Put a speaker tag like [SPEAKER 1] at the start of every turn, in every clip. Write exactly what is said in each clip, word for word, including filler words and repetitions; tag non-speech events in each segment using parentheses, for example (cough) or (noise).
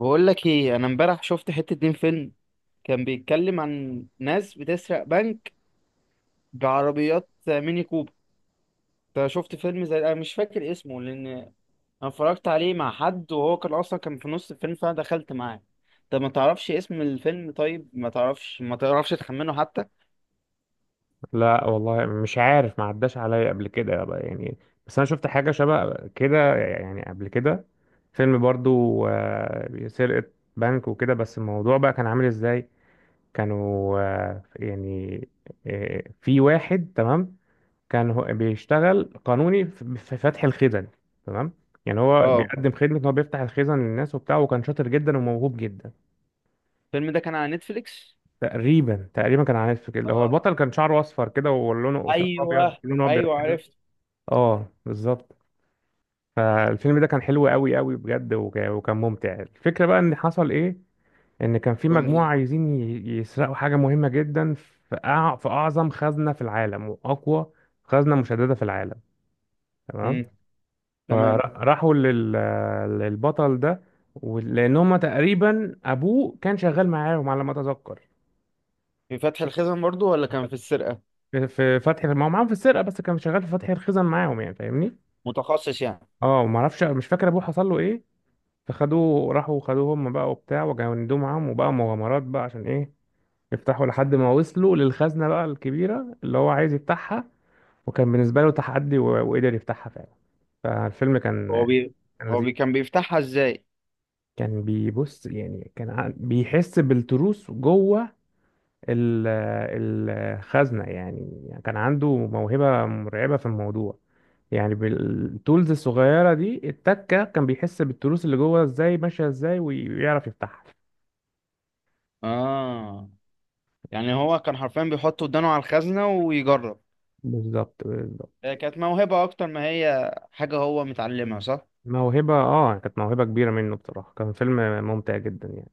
[SPEAKER 1] بقول لك ايه، انا امبارح شفت حتة دين فيلم كان بيتكلم عن ناس بتسرق بنك بعربيات ميني كوبر. انت شفت فيلم زي، انا مش فاكر اسمه لان انا اتفرجت عليه مع حد، وهو كان اصلا كان في نص الفيلم فانا دخلت معاه. طب ما تعرفش اسم الفيلم؟ طيب، ما تعرفش ما تعرفش تخمنه حتى؟
[SPEAKER 2] لا والله مش عارف، ما عداش عليا قبل كده يابا يعني. بس انا شفت حاجه شبه كده يعني قبل كده، فيلم برضو آه، سرقه بنك وكده. بس الموضوع بقى كان عامل ازاي؟ كانوا آه، يعني آه، في واحد. تمام. كان هو بيشتغل قانوني في في فتح الخزن. تمام. يعني هو
[SPEAKER 1] اه،
[SPEAKER 2] بيقدم خدمه ان هو بيفتح الخزن للناس وبتاع، وكان شاطر جدا وموهوب جدا.
[SPEAKER 1] الفيلم ده كان على نتفليكس.
[SPEAKER 2] تقريبا تقريبا كان عارف كده، هو
[SPEAKER 1] اه.
[SPEAKER 2] البطل كان شعره اصفر كده ولونه، وشعره ابيض،
[SPEAKER 1] ايوه.
[SPEAKER 2] لونه ابيض
[SPEAKER 1] ايوه،
[SPEAKER 2] كده.
[SPEAKER 1] عرفت.
[SPEAKER 2] اه بالظبط. فالفيلم ده كان حلو قوي قوي بجد، وك- وكان ممتع. الفكرة بقى ان حصل ايه، ان كان في
[SPEAKER 1] قول لي.
[SPEAKER 2] مجموعة عايزين ي- يسرقوا حاجة مهمة جدا في أع- في اعظم خزنة في العالم واقوى خزنة مشددة في العالم. تمام.
[SPEAKER 1] امم. تمام.
[SPEAKER 2] فراحوا لل... للبطل ده، ول- لان هما تقريبا ابوه كان شغال معاهم على ما اتذكر.
[SPEAKER 1] في فتح الخزن برضو ولا كان في السرقة؟
[SPEAKER 2] في في فتح، ما هو معاهم في السرقة بس كان شغال في فتح الخزن معاهم يعني، فاهمني؟
[SPEAKER 1] متخصص يعني.
[SPEAKER 2] اه ما اعرفش، مش فاكر ابوه حصل له ايه. فخدوه، راحوا خدوه هم بقى وبتاع وجندوه معاهم، وبقى مغامرات بقى عشان ايه، يفتحوا لحد ما وصلوا للخزنة بقى الكبيرة اللي هو عايز يفتحها. وكان بالنسبة له تحدي و- وقدر يفتحها فعلا. فالفيلم
[SPEAKER 1] هو
[SPEAKER 2] كان،
[SPEAKER 1] بي
[SPEAKER 2] كان
[SPEAKER 1] هو
[SPEAKER 2] لذيذ.
[SPEAKER 1] بي كان بيفتحها ازاي؟
[SPEAKER 2] كان بيبص يعني، كان عن- بيحس بالتروس جوه ال- الخزنة يعني، كان عنده موهبة مرعبة في الموضوع. يعني بالتولز الصغيرة دي، التكة كان بيحس بالتروس اللي جوه ازاي ماشية ازاي ويعرف يفتحها.
[SPEAKER 1] اه، يعني هو كان حرفيا بيحط ودانه على الخزنة ويجرب.
[SPEAKER 2] بالظبط بالظبط.
[SPEAKER 1] هي كانت موهبة أكتر ما هي حاجة هو متعلمها، صح؟
[SPEAKER 2] موهبة، اه كانت موهبة كبيرة منه بصراحة. كان فيلم ممتع جدا يعني.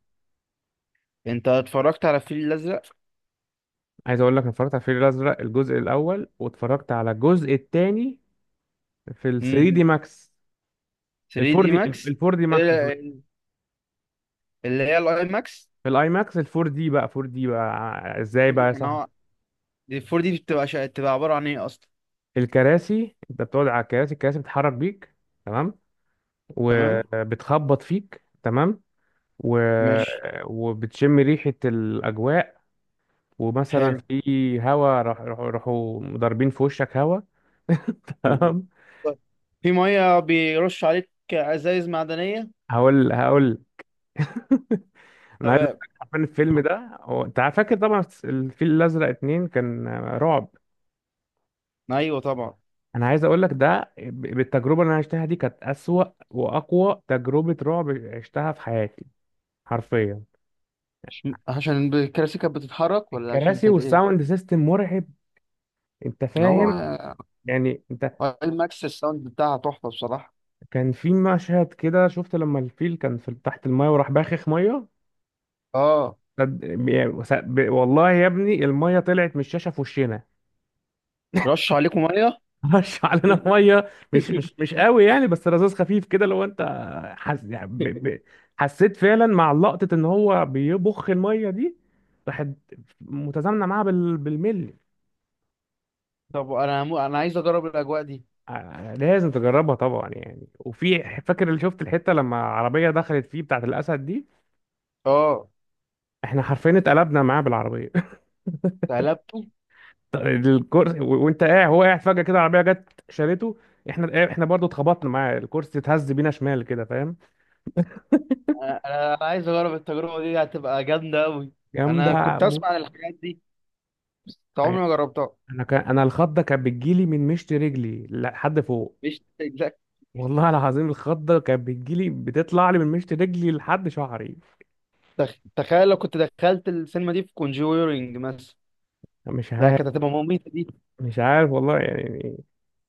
[SPEAKER 1] أنت اتفرجت على الفيل الأزرق؟
[SPEAKER 2] عايز اقول لك أنا اتفرجت على الفيل الازرق الجزء الاول، واتفرجت على الجزء الثاني في ال ثري
[SPEAKER 1] امم.
[SPEAKER 2] دي ماكس. ال
[SPEAKER 1] ثري
[SPEAKER 2] 4
[SPEAKER 1] دي
[SPEAKER 2] دي ال
[SPEAKER 1] ماكس.
[SPEAKER 2] فور دي ماكس سوري.
[SPEAKER 1] ال- اللي هي الأي ماكس.
[SPEAKER 2] في الاي ماكس ال فور دي بقى، فور دي بقى ع- ازاي
[SPEAKER 1] فور
[SPEAKER 2] بقى يا
[SPEAKER 1] دي. أنا
[SPEAKER 2] صاحبي؟
[SPEAKER 1] هو- دي فور دي بتبقى شا... بتبقى عبارة عن إيه أصلا؟
[SPEAKER 2] الكراسي، انت بتقعد على الكراسي، الكراسي بتتحرك بيك. تمام.
[SPEAKER 1] تمام؟
[SPEAKER 2] وبتخبط فيك. تمام. و...
[SPEAKER 1] ماشي.
[SPEAKER 2] وبتشم ريحة الأجواء. ومثلا
[SPEAKER 1] حلو.
[SPEAKER 2] في هوا، راح راح- راحوا ضاربين في وشك هوا. (laughs)
[SPEAKER 1] يو.
[SPEAKER 2] تمام.
[SPEAKER 1] طيب. في مية بيرش عليك أزايز معدنية؟
[SPEAKER 2] هقول هقول. (laughs) انا عايز اقول
[SPEAKER 1] تمام.
[SPEAKER 2] لك حرفيا الفيلم ده، هو انت فاكر طبعا الفيل الازرق اتنين كان رعب.
[SPEAKER 1] أيوه طبعا.
[SPEAKER 2] انا عايز اقول لك ده ب- بالتجربه اللي انا عشتها دي كانت اسوأ واقوى تجربه رعب عشتها في حياتي حرفيا.
[SPEAKER 1] عشان الكراسي كانت بتتحرك ولا عشان
[SPEAKER 2] الكراسي
[SPEAKER 1] كانت إيه؟
[SPEAKER 2] والساوند سيستم مرعب. انت
[SPEAKER 1] هو
[SPEAKER 2] فاهم يعني، انت،
[SPEAKER 1] آه، الماكس الساوند بتاعها تحفه بصراحه.
[SPEAKER 2] كان في مشهد كده شفت لما الفيل كان في تحت المايه وراح باخخ ميه.
[SPEAKER 1] اه،
[SPEAKER 2] صد- بي- وس- ب- والله يا ابني الميه طلعت من الشاشه في وشنا.
[SPEAKER 1] رش عليكم ميه.
[SPEAKER 2] (laughs) رش علينا ميه، مش مش
[SPEAKER 1] (laughs)
[SPEAKER 2] مش قوي يعني، بس رذاذ خفيف كده، لو انت حس يعني ب... ب... حسيت فعلا مع لقطه ان هو بيبخ الميه دي، راحت متزامنه معاها بال... بالملي.
[SPEAKER 1] طب، انا همو... انا عايز اجرب الاجواء دي.
[SPEAKER 2] آه، لازم تجربها طبعا يعني. وفي، فاكر اللي شفت الحته لما عربيه دخلت فيه بتاعت الاسد دي،
[SPEAKER 1] اه،
[SPEAKER 2] احنا حرفيا اتقلبنا معاه بالعربيه،
[SPEAKER 1] قلبته.
[SPEAKER 2] الكرسي و- وانت قاعد، هو قاعد فجأة كده العربية جت شالته. احنا احنا برضو اتخبطنا معاه، الكرسي اتهز بينا شمال كده، فاهم؟
[SPEAKER 1] انا أنا عايز اجرب التجربه دي، هتبقى جامده قوي. انا
[SPEAKER 2] جامدة
[SPEAKER 1] كنت اسمع
[SPEAKER 2] موت.
[SPEAKER 1] عن الحاجات دي، بس عمري
[SPEAKER 2] يعني
[SPEAKER 1] ما جربتها.
[SPEAKER 2] انا كان، انا الخضة كانت بتجيلي من مشط رجلي لحد فوق،
[SPEAKER 1] مش
[SPEAKER 2] والله العظيم الخضة كانت بتجيلي، بتطلع لي من مشط رجلي لحد شعري.
[SPEAKER 1] تخ- تخيل لو كنت دخلت السينما دي في كونجورينج مثلا.
[SPEAKER 2] مش
[SPEAKER 1] لا،
[SPEAKER 2] عارف.
[SPEAKER 1] كانت هتبقى مميتة دي.
[SPEAKER 2] مش عارف والله يعني.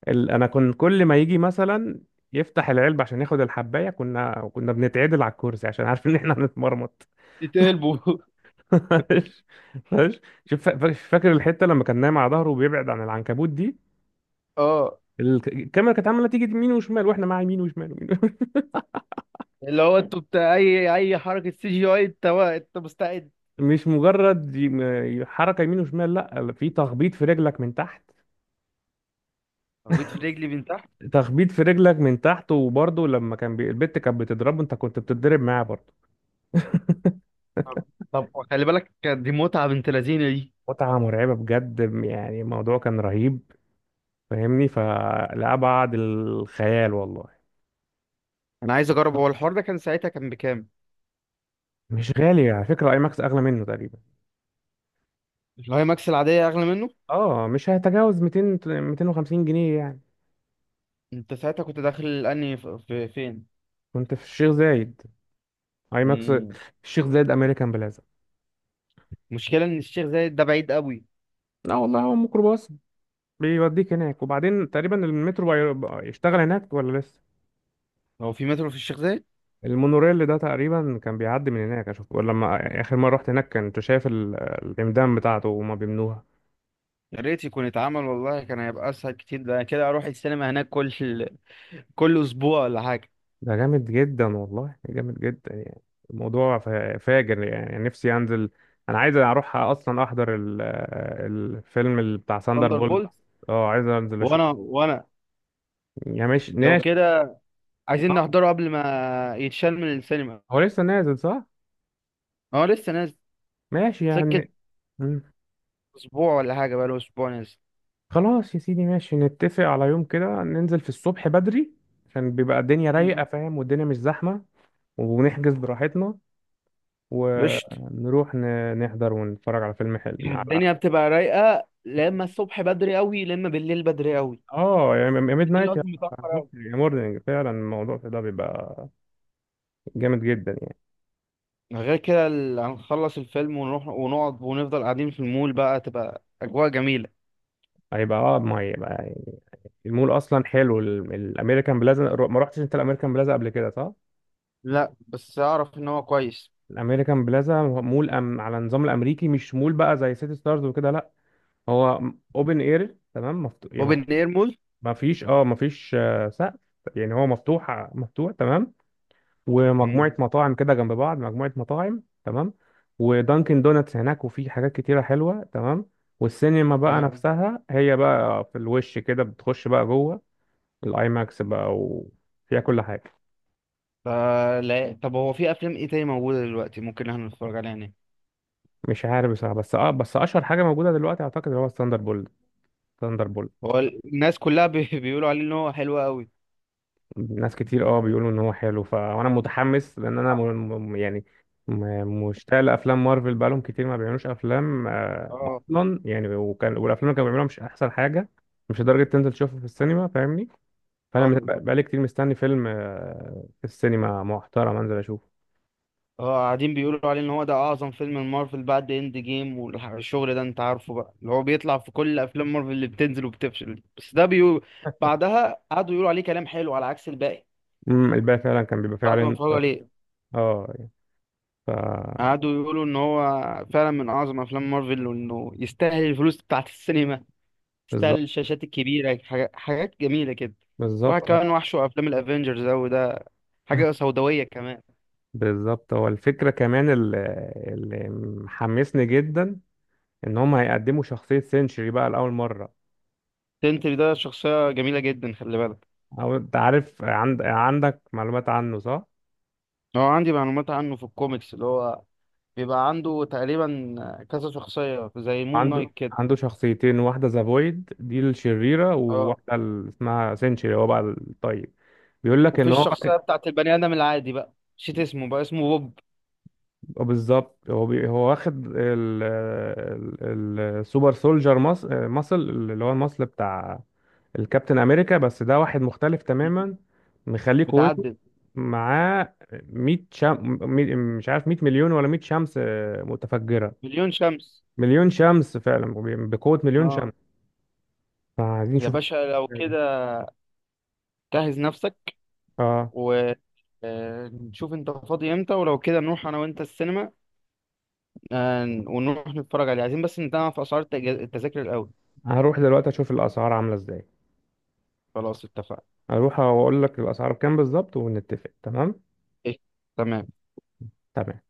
[SPEAKER 2] ال... انا كنت كل ما يجي مثلا يفتح العلبة عشان ياخد الحباية، كنا كنا بنتعدل على الكرسي عشان عارفين ان احنا هنتمرمط.
[SPEAKER 1] تتقلبوا. (laughs)
[SPEAKER 2] (laughs) فاش- شوف فا- فاش- فاكر الحته لما كان نايم على ظهره وبيبعد عن العنكبوت دي،
[SPEAKER 1] اه،
[SPEAKER 2] الك- الكاميرا كانت عماله تيجي يمين وشمال، واحنا مع يمين وشمال ومين.
[SPEAKER 1] اللي هو انتوا بتاع اي اي حركة سي جي اي، انت انت مستعد؟
[SPEAKER 2] (laughs) مش مجرد يم- حركه يمين وشمال، لا، في تخبيط في رجلك من تحت،
[SPEAKER 1] خبيط في رجلي، بنت.
[SPEAKER 2] تخبيط في رجلك من تحت. وبرضه لما كان بي... البت كانت بتضربه، انت كنت بتتضرب معاه برضه.
[SPEAKER 1] طب طب خلي بالك، دي متعة بنت لذينة دي.
[SPEAKER 2] متعه مرعبه بجد يعني، الموضوع كان رهيب، فاهمني؟ فلأبعد الخيال والله.
[SPEAKER 1] انا عايز اجرب، هو الحوار ده كان ساعتها كان بكام؟
[SPEAKER 2] مش غالي على فكره، اي ماكس اغلى منه تقريبا.
[SPEAKER 1] الهاي ماكس العادية اغلى منه؟
[SPEAKER 2] اه مش هيتجاوز ميتين ميتين وخمسين جنيه يعني.
[SPEAKER 1] انت ساعتها كنت داخل الاني ف- في فين؟
[SPEAKER 2] كنت في الشيخ زايد، اي ماكس.
[SPEAKER 1] مم.
[SPEAKER 2] الشيخ زايد امريكان بلازا.
[SPEAKER 1] مشكلة ان الشيخ زايد ده بعيد قوي.
[SPEAKER 2] لا والله هو ميكروباص بيوديك هناك. وبعدين تقريبا المترو بي- بقى يشتغل هناك ولا لسه؟
[SPEAKER 1] هو في مترو في الشيخ زايد؟
[SPEAKER 2] المونوريل ده تقريبا كان بيعدي من هناك، اشوف، ولا لما اخر مره رحت هناك كنت شايف ال- العمدان بتاعته وهما بيبنوها.
[SPEAKER 1] يا ريت يكون اتعمل، والله كان هيبقى اسهل كتير. ده أنا كده اروح السينما هناك كل كل اسبوع ولا حاجة.
[SPEAKER 2] ده جامد جدا والله، جامد جدا يعني، الموضوع فا- فاجر يعني. نفسي انزل. انا عايز اروح اصلا احضر ال- الفيلم اللي بتاع ساندر اه
[SPEAKER 1] ثاندر
[SPEAKER 2] بولت.
[SPEAKER 1] بولت.
[SPEAKER 2] اه عايز انزل
[SPEAKER 1] وانا
[SPEAKER 2] اشوفه،
[SPEAKER 1] وانا
[SPEAKER 2] يعني ماشي
[SPEAKER 1] لو
[SPEAKER 2] ناشي.
[SPEAKER 1] كده عايزين
[SPEAKER 2] اه
[SPEAKER 1] نحضره قبل ما يتشال من السينما.
[SPEAKER 2] هو لسه نازل صح؟
[SPEAKER 1] هو لسه نازل.
[SPEAKER 2] ماشي
[SPEAKER 1] سكة،
[SPEAKER 2] يعني. مم.
[SPEAKER 1] اسبوع ولا حاجة، بقاله اسبوع نازل.
[SPEAKER 2] خلاص يا سيدي، ماشي، نتفق على يوم كده ننزل في الصبح بدري، عشان بيبقى الدنيا
[SPEAKER 1] مم.
[SPEAKER 2] رايقة فاهم، والدنيا مش زحمة، ونحجز براحتنا،
[SPEAKER 1] قشطة.
[SPEAKER 2] ونروح ن- نحضر ونتفرج على فيلم حلو،
[SPEAKER 1] يعني
[SPEAKER 2] على،
[SPEAKER 1] الدنيا بتبقى رايقة لما الصبح بدري قوي، لما بالليل بدري قوي.
[SPEAKER 2] اه، يا ميد
[SPEAKER 1] بالليل
[SPEAKER 2] نايت، يا
[SPEAKER 1] قصدي، متأخر
[SPEAKER 2] الصبح،
[SPEAKER 1] أوي.
[SPEAKER 2] يا مورنينج. فعلا الموضوع ده بيبقى جامد جدا يعني.
[SPEAKER 1] غير كده، ال- هنخلص الفيلم ونروح ونقعد ونفضل قاعدين في المول بقى، تبقى أجواء جميلة.
[SPEAKER 2] هيبقى، اه ما هيبقى يعني. المول اصلا حلو ال- الامريكان بلازا. ما رحتش انت الامريكان بلازا قبل كده صح؟
[SPEAKER 1] لا، بس أعرف إن هو كويس.
[SPEAKER 2] الامريكان بلازا مول أم... على النظام الامريكي، مش مول بقى زي سيتي ستارز وكده، لا. هو اوبن اير، تمام، مفتوح يعني. ما
[SPEAKER 1] بوبن
[SPEAKER 2] فيش
[SPEAKER 1] إير مول.
[SPEAKER 2] ما فيش اه ما فيش آه، سقف يعني، هو مفتوح، آه، مفتوح تمام.
[SPEAKER 1] مم.
[SPEAKER 2] ومجموعة مطاعم كده جنب بعض، مجموعة مطاعم تمام. ودانكن دوناتس هناك، وفي حاجات كتيرة حلوة تمام. والسينما بقى
[SPEAKER 1] تمام.
[SPEAKER 2] نفسها هي بقى في الوش كده، بتخش بقى جوه الاي ماكس بقى، وفيها كل حاجة.
[SPEAKER 1] ف- لا، طب هو في أفلام إيه تاني موجودة دلوقتي ممكن إحنا نتفرج عليها هنا؟
[SPEAKER 2] مش عارف بصراحة، بس اه بس اشهر حاجة موجودة دلوقتي اعتقد اللي هو الثاندر بولت. ثاندر بولت.
[SPEAKER 1] هو الناس كلها بي... (laughs) بيقولوا عليه إن هو حلو أوي.
[SPEAKER 2] ناس كتير اه بيقولوا ان هو حلو. ف... وانا متحمس، لان انا م... م- يعني م- مشتاق لافلام مارفل، بقالهم كتير ما بيعملوش افلام آه،
[SPEAKER 1] اه،
[SPEAKER 2] اصلا يعني، وكان، والافلام اللي كانوا بيعملوها مش احسن حاجه، مش لدرجه تنزل تشوفها في السينما فاهمني. فانا مت-
[SPEAKER 1] اه،
[SPEAKER 2] بقالي كتير مستني فيلم آه، في السينما محترم انزل اشوفه.
[SPEAKER 1] اه، قاعدين بيقولوا عليه ان هو ده اعظم فيلم مارفل بعد اند جيم، والشغل ده انت عارفه بقى اللي هو بيطلع في كل افلام مارفل اللي بتنزل وبتفشل، بس ده بيقول بعدها قعدوا يقولوا عليه كلام حلو على عكس الباقي
[SPEAKER 2] امم، الباقي فعلا كان بيبقى فيه
[SPEAKER 1] بعد ما
[SPEAKER 2] عليه.
[SPEAKER 1] اتفرجوا عليه
[SPEAKER 2] اه يعني، ف
[SPEAKER 1] قعدوا يقولوا ان هو فعلا من اعظم افلام مارفل، وانه يستاهل الفلوس بتاعت السينما، يستاهل
[SPEAKER 2] بالظبط.
[SPEAKER 1] الشاشات الكبيره، حاجة- حاجات جميله كده. واحد
[SPEAKER 2] بالظبط.
[SPEAKER 1] كمان وحشه افلام الافينجرز اوي ده، حاجه
[SPEAKER 2] (laughs)
[SPEAKER 1] سوداويه كمان.
[SPEAKER 2] بالظبط، هو الفكره كمان اللي، اللي محمسني جدا ان هم هيقدموا شخصية سينشري بقى لأول مرة.
[SPEAKER 1] سنتري ده شخصيه جميله جدا، خلي بالك.
[SPEAKER 2] او انت عارف، عند... عندك معلومات عنه صح؟
[SPEAKER 1] هو عندي معلومات عنه في الكوميكس، اللي هو بيبقى عنده تقريبا كذا شخصية زي مون
[SPEAKER 2] عنده
[SPEAKER 1] نايت كده.
[SPEAKER 2] عنده شخصيتين، واحدة ذا فويد دي الشريرة،
[SPEAKER 1] اه،
[SPEAKER 2] وواحدة ال- اسمها سينشري، هو بقى الطيب. بيقول لك
[SPEAKER 1] وفي
[SPEAKER 2] ان هو واخد-
[SPEAKER 1] الشخصية بتاعت البني آدم العادي بقى، نسيت اسمه، بقى اسمه بوب.
[SPEAKER 2] بالظبط. هو بي... هو واخد ال... ال... السوبر سولجر مص... مصل اللي هو المصل بتاع الكابتن امريكا، بس ده واحد مختلف تماما، مخليه قوته.
[SPEAKER 1] متعدد.
[SPEAKER 2] معاه مية شم... مية- مش عارف، مية مليون ولا مية شمس متفجرة.
[SPEAKER 1] مليون شمس.
[SPEAKER 2] مليون شمس فعلا، بقوة مليون
[SPEAKER 1] اه،
[SPEAKER 2] شمس. فعايزين
[SPEAKER 1] يا
[SPEAKER 2] نشوف
[SPEAKER 1] باشا، لو
[SPEAKER 2] ازاي ده.
[SPEAKER 1] كده جهز نفسك
[SPEAKER 2] اه
[SPEAKER 1] و آه، نشوف انت فاضي امتى، ولو كده نروح انا وانت السينما، آه، ونروح نتفرج عليه، عايزين بس نتابع في اسعار التج- التذاكر الاول.
[SPEAKER 2] هروح دلوقتي اشوف الاسعار عاملة ازاي.
[SPEAKER 1] خلاص، اتفقنا.
[SPEAKER 2] هروح واقول لك الاسعار بكام بالظبط، ونتفق. تمام.
[SPEAKER 1] إيه، تمام.
[SPEAKER 2] تمام